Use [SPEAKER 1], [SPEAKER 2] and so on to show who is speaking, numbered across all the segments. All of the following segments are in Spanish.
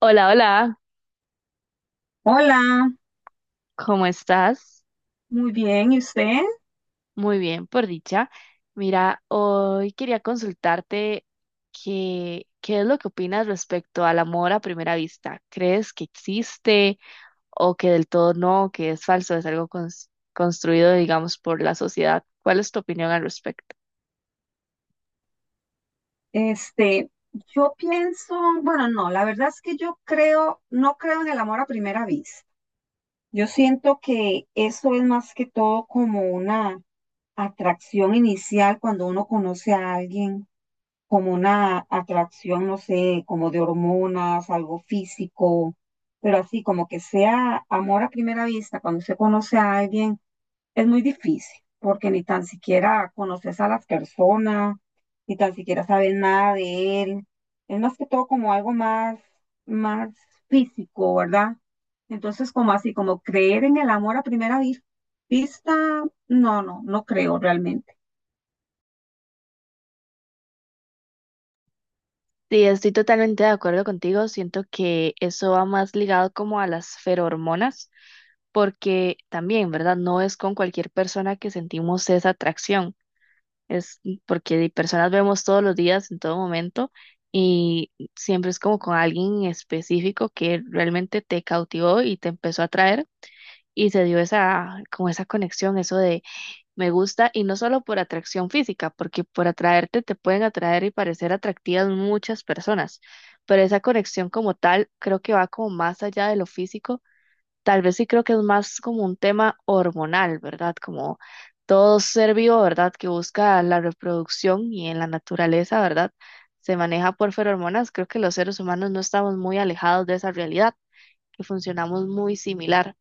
[SPEAKER 1] Hola, hola,
[SPEAKER 2] Hola,
[SPEAKER 1] ¿cómo estás?
[SPEAKER 2] muy bien. ¿Y usted?
[SPEAKER 1] Muy bien, por dicha. Mira, hoy quería consultarte qué es lo que opinas respecto al amor a primera vista. ¿Crees que existe o que del todo no, que es falso, es algo construido, digamos, por la sociedad? ¿Cuál es tu opinión al respecto?
[SPEAKER 2] Este, yo pienso, bueno, no, la verdad es que no creo en el amor a primera vista. Yo siento que eso es más que todo como una atracción inicial cuando uno conoce a alguien, como una atracción, no sé, como de hormonas, algo físico, pero así como que sea amor a primera vista cuando se conoce a alguien. Es muy difícil porque ni tan siquiera conoces a las personas, ni tan siquiera sabes nada de él. Es más que todo como algo más, más físico, ¿verdad? Entonces, como así, como creer en el amor a primera vista, no, no, no creo realmente.
[SPEAKER 1] Sí, estoy totalmente de acuerdo contigo. Siento que eso va más ligado como a las feromonas, porque también, ¿verdad? No es con cualquier persona que sentimos esa atracción. Es porque de personas vemos todos los días, en todo momento, y siempre es como con alguien en específico que realmente te cautivó y te empezó a atraer y se dio esa, como esa conexión, eso de me gusta, y no solo por atracción física, porque por atraerte te pueden atraer y parecer atractivas muchas personas, pero esa conexión como tal creo que va como más allá de lo físico. Tal vez sí creo que es más como un tema hormonal, ¿verdad? Como todo ser vivo, ¿verdad? Que busca la reproducción y en la naturaleza, ¿verdad? Se maneja por feromonas. Creo que los seres humanos no estamos muy alejados de esa realidad, que funcionamos muy similar.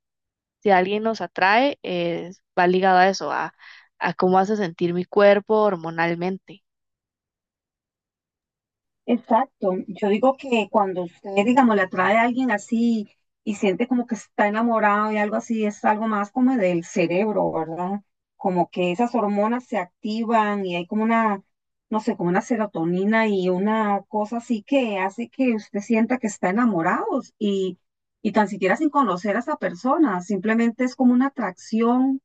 [SPEAKER 1] Si alguien nos atrae, va ligado a eso, a cómo hace sentir mi cuerpo hormonalmente.
[SPEAKER 2] Exacto. Yo digo que cuando usted, digamos, le atrae a alguien así y siente como que está enamorado y algo así, es algo más como del cerebro, ¿verdad? Como que esas hormonas se activan y hay como no sé, como una serotonina y una cosa así que hace que usted sienta que está enamorado y, y tan siquiera sin conocer a esa persona, simplemente es como una atracción.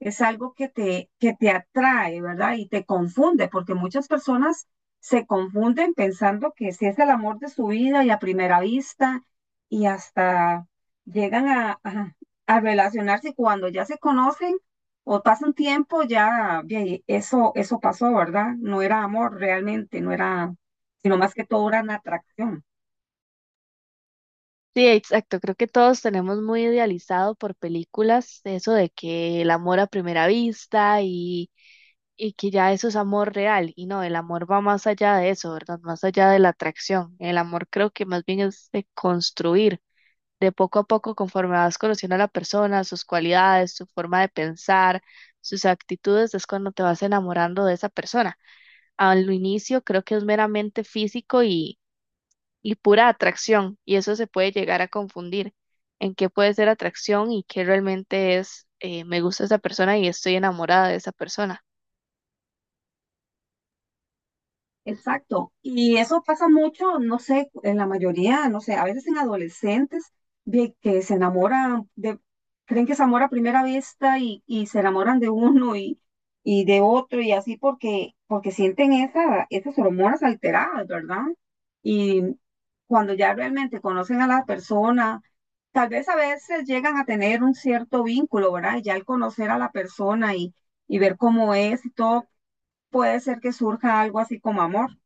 [SPEAKER 2] Es algo que te atrae, ¿verdad? Y te confunde, porque muchas personas se confunden pensando que si es el amor de su vida y a primera vista y hasta llegan a relacionarse y cuando ya se conocen o pasa un tiempo, ya, ya, y eso pasó, ¿verdad? No era amor realmente, no era, sino más que todo era una atracción.
[SPEAKER 1] Sí, exacto. Creo que todos tenemos muy idealizado por películas eso de que el amor a primera vista y que ya eso es amor real, y no, el amor va más allá de eso, ¿verdad? Más allá de la atracción. El amor creo que más bien es de construir, de poco a poco, conforme vas conociendo a la persona, sus cualidades, su forma de pensar, sus actitudes, es cuando te vas enamorando de esa persona. Al inicio creo que es meramente físico y pura atracción, y eso se puede llegar a confundir en qué puede ser atracción y qué realmente es, me gusta esa persona y estoy enamorada de esa persona.
[SPEAKER 2] Exacto. Y eso pasa mucho, no sé, en la mayoría, no sé, a veces en adolescentes de que se enamoran, creen que se amor a primera vista y se enamoran de uno y de otro y así porque sienten esas hormonas alteradas, ¿verdad? Y cuando ya realmente conocen a la persona, tal vez a veces llegan a tener un cierto vínculo, ¿verdad? Y ya al conocer a la persona y ver cómo es y todo puede ser que surja algo así como amor,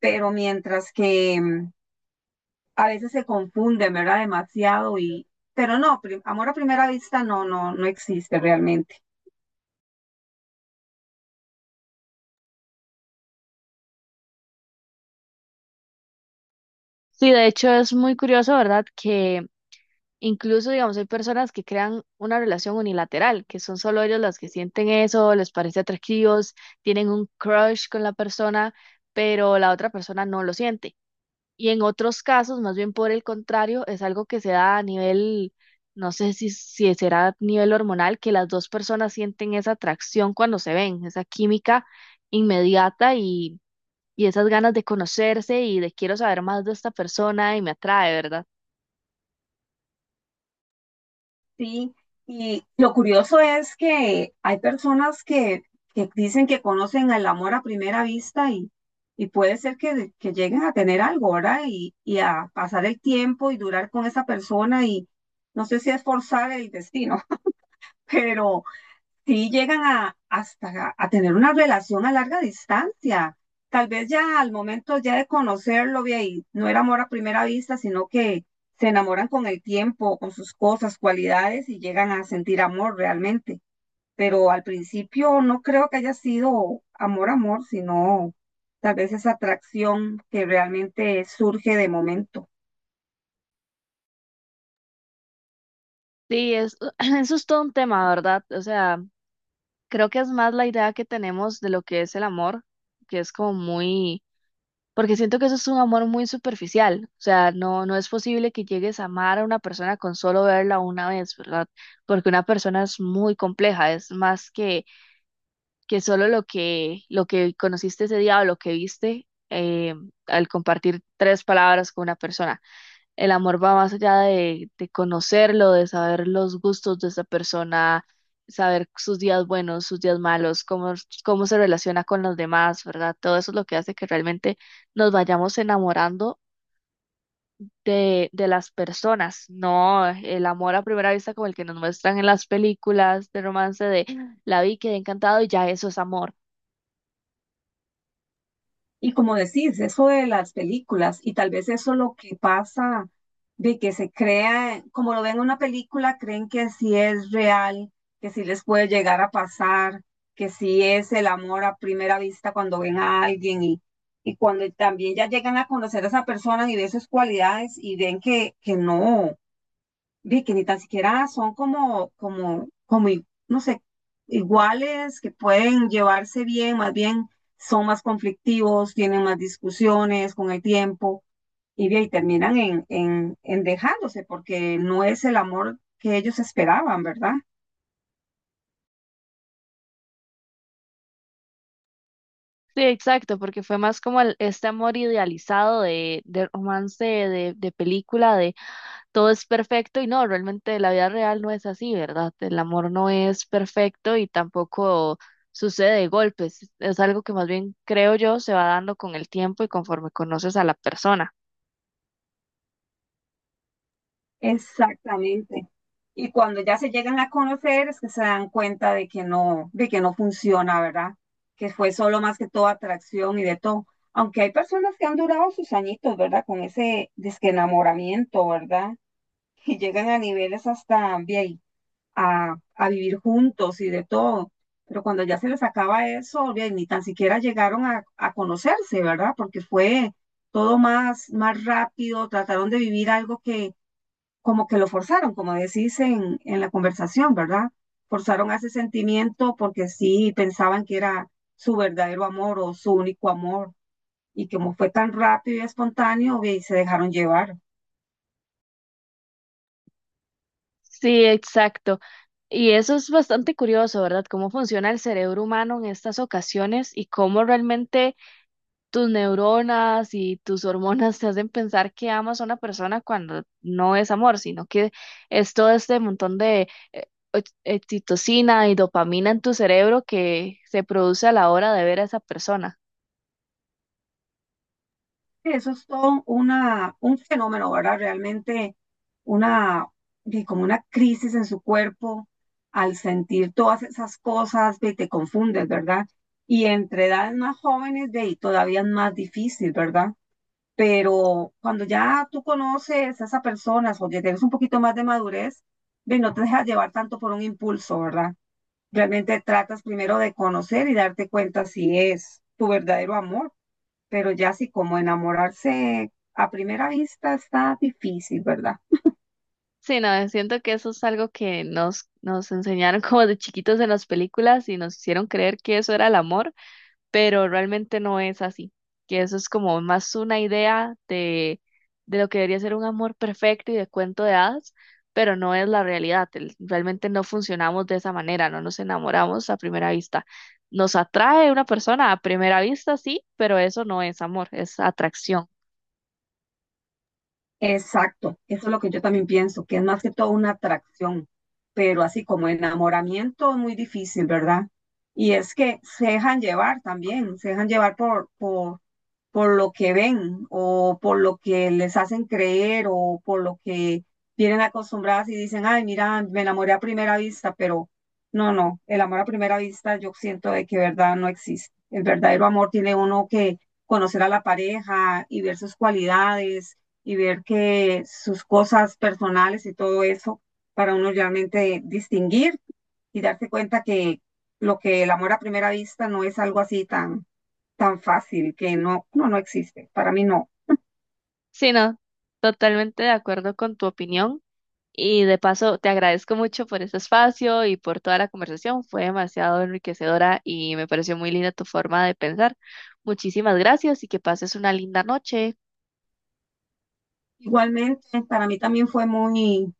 [SPEAKER 2] pero mientras que a veces se confunden, ¿verdad? Demasiado pero no, amor a primera vista no, no, no existe realmente.
[SPEAKER 1] Sí, de hecho es muy curioso, ¿verdad? Que incluso, digamos, hay personas que crean una relación unilateral, que son solo ellos las que sienten eso, les parece atractivos, tienen un crush con la persona, pero la otra persona no lo siente. Y en otros casos, más bien por el contrario, es algo que se da a nivel, no sé si será a nivel hormonal, que las dos personas sienten esa atracción cuando se ven, esa química inmediata y esas ganas de conocerse y de quiero saber más de esta persona y me atrae, ¿verdad?
[SPEAKER 2] Sí, y lo curioso es que hay personas que dicen que conocen el amor a primera vista y puede ser que lleguen a tener algo, ¿verdad? Y a pasar el tiempo y durar con esa persona y no sé si es forzar el destino, pero sí llegan hasta a tener una relación a larga distancia. Tal vez ya al momento ya de conocerlo, ve ahí, no era amor a primera vista, sino que se enamoran con el tiempo, con sus cosas, cualidades y llegan a sentir amor realmente. Pero al principio no creo que haya sido amor, amor, sino tal vez esa atracción que realmente surge de momento.
[SPEAKER 1] Sí, es, eso es todo un tema, ¿verdad? O sea, creo que es más la idea que tenemos de lo que es el amor, que es como muy, porque siento que eso es un amor muy superficial, o sea, no, no es posible que llegues a amar a una persona con solo verla una vez, ¿verdad? Porque una persona es muy compleja, es más que solo lo que conociste ese día o lo que viste eh, al compartir tres palabras con una persona. El amor va más allá de conocerlo, de saber los gustos de esa persona, saber sus días buenos, sus días malos, cómo, cómo se relaciona con los demás, ¿verdad? Todo eso es lo que hace que realmente nos vayamos enamorando de las personas, no el amor a primera vista como el que nos muestran en las películas de romance de la vi, quedé encantado y ya eso es amor.
[SPEAKER 2] Y como decís, eso de las películas, y tal vez eso lo que pasa de que se crea, como lo ven en una película, creen que sí es real, que sí les puede llegar a pasar, que sí es el amor a primera vista cuando ven a alguien y cuando también ya llegan a conocer a esa persona y ve sus cualidades y ven que no vi que ni tan siquiera son como no sé, iguales, que pueden llevarse bien, más bien son más conflictivos, tienen más discusiones con el tiempo y, de ahí terminan en dejándose porque no es el amor que ellos esperaban, ¿verdad?
[SPEAKER 1] Sí, exacto, porque fue más como este amor idealizado de romance, de película, de todo es perfecto y no, realmente la vida real no es así, ¿verdad? El amor no es perfecto y tampoco sucede de golpes. Es algo que más bien, creo yo, se va dando con el tiempo y conforme conoces a la persona.
[SPEAKER 2] Exactamente. Y cuando ya se llegan a conocer es que se dan cuenta de que no funciona, ¿verdad? Que fue solo más que todo atracción y de todo. Aunque hay personas que han durado sus añitos, ¿verdad? Con ese desenamoramiento, ¿verdad? Y llegan a niveles hasta bien, a vivir juntos y de todo. Pero cuando ya se les acaba eso, bien, ni tan siquiera llegaron a conocerse, ¿verdad? Porque fue todo más, más rápido, trataron de vivir algo que como que lo forzaron, como decís en la conversación, ¿verdad? Forzaron a ese sentimiento porque sí pensaban que era su verdadero amor o su único amor, y que como fue tan rápido y espontáneo, ve, y se dejaron llevar.
[SPEAKER 1] Sí, exacto. Y eso es bastante curioso, ¿verdad? Cómo funciona el cerebro humano en estas ocasiones y cómo realmente tus neuronas y tus hormonas te hacen pensar que amas a una persona cuando no es amor, sino que es todo este montón de eh, oxitocina y dopamina en tu cerebro que se produce a la hora de ver a esa persona.
[SPEAKER 2] Eso es todo un fenómeno, ¿verdad? Realmente una, ve, como una crisis en su cuerpo al sentir todas esas cosas, ve, te confundes, ¿verdad? Y entre edades más jóvenes, de ahí todavía es más difícil, ¿verdad? Pero cuando ya tú conoces a esa persona o que tienes un poquito más de madurez, ve, no te dejas llevar tanto por un impulso, ¿verdad? Realmente tratas primero de conocer y darte cuenta si es tu verdadero amor, pero ya sí como enamorarse a primera vista está difícil, ¿verdad?
[SPEAKER 1] Sí, no, siento que eso es algo que nos enseñaron como de chiquitos en las películas y nos hicieron creer que eso era el amor, pero realmente no es así, que eso es como más una idea de lo que debería ser un amor perfecto y de cuento de hadas, pero no es la realidad, realmente no funcionamos de esa manera, no nos enamoramos a primera vista. Nos atrae una persona a primera vista, sí, pero eso no es amor, es atracción.
[SPEAKER 2] Exacto, eso es lo que yo también pienso, que es más que todo una atracción, pero así como enamoramiento es muy difícil, ¿verdad? Y es que se dejan llevar también, se dejan llevar por lo que ven o por lo que les hacen creer o por lo que vienen acostumbradas y dicen, ay, mira, me enamoré a primera vista, pero no, no, el amor a primera vista yo siento de que verdad no existe. El verdadero amor tiene uno que conocer a la pareja y ver sus cualidades y ver que sus cosas personales y todo eso para uno realmente distinguir y darse cuenta que lo que el amor a primera vista no es algo así tan tan fácil, que no, no, no existe. Para mí no.
[SPEAKER 1] Sí, no, totalmente de acuerdo con tu opinión. Y de paso, te agradezco mucho por este espacio y por toda la conversación. Fue demasiado enriquecedora y me pareció muy linda tu forma de pensar. Muchísimas gracias y que pases una linda noche.
[SPEAKER 2] Igualmente, para mí también fue muy,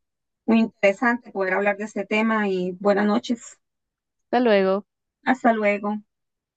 [SPEAKER 2] muy interesante poder hablar de este tema y buenas noches.
[SPEAKER 1] Hasta luego.
[SPEAKER 2] Hasta luego.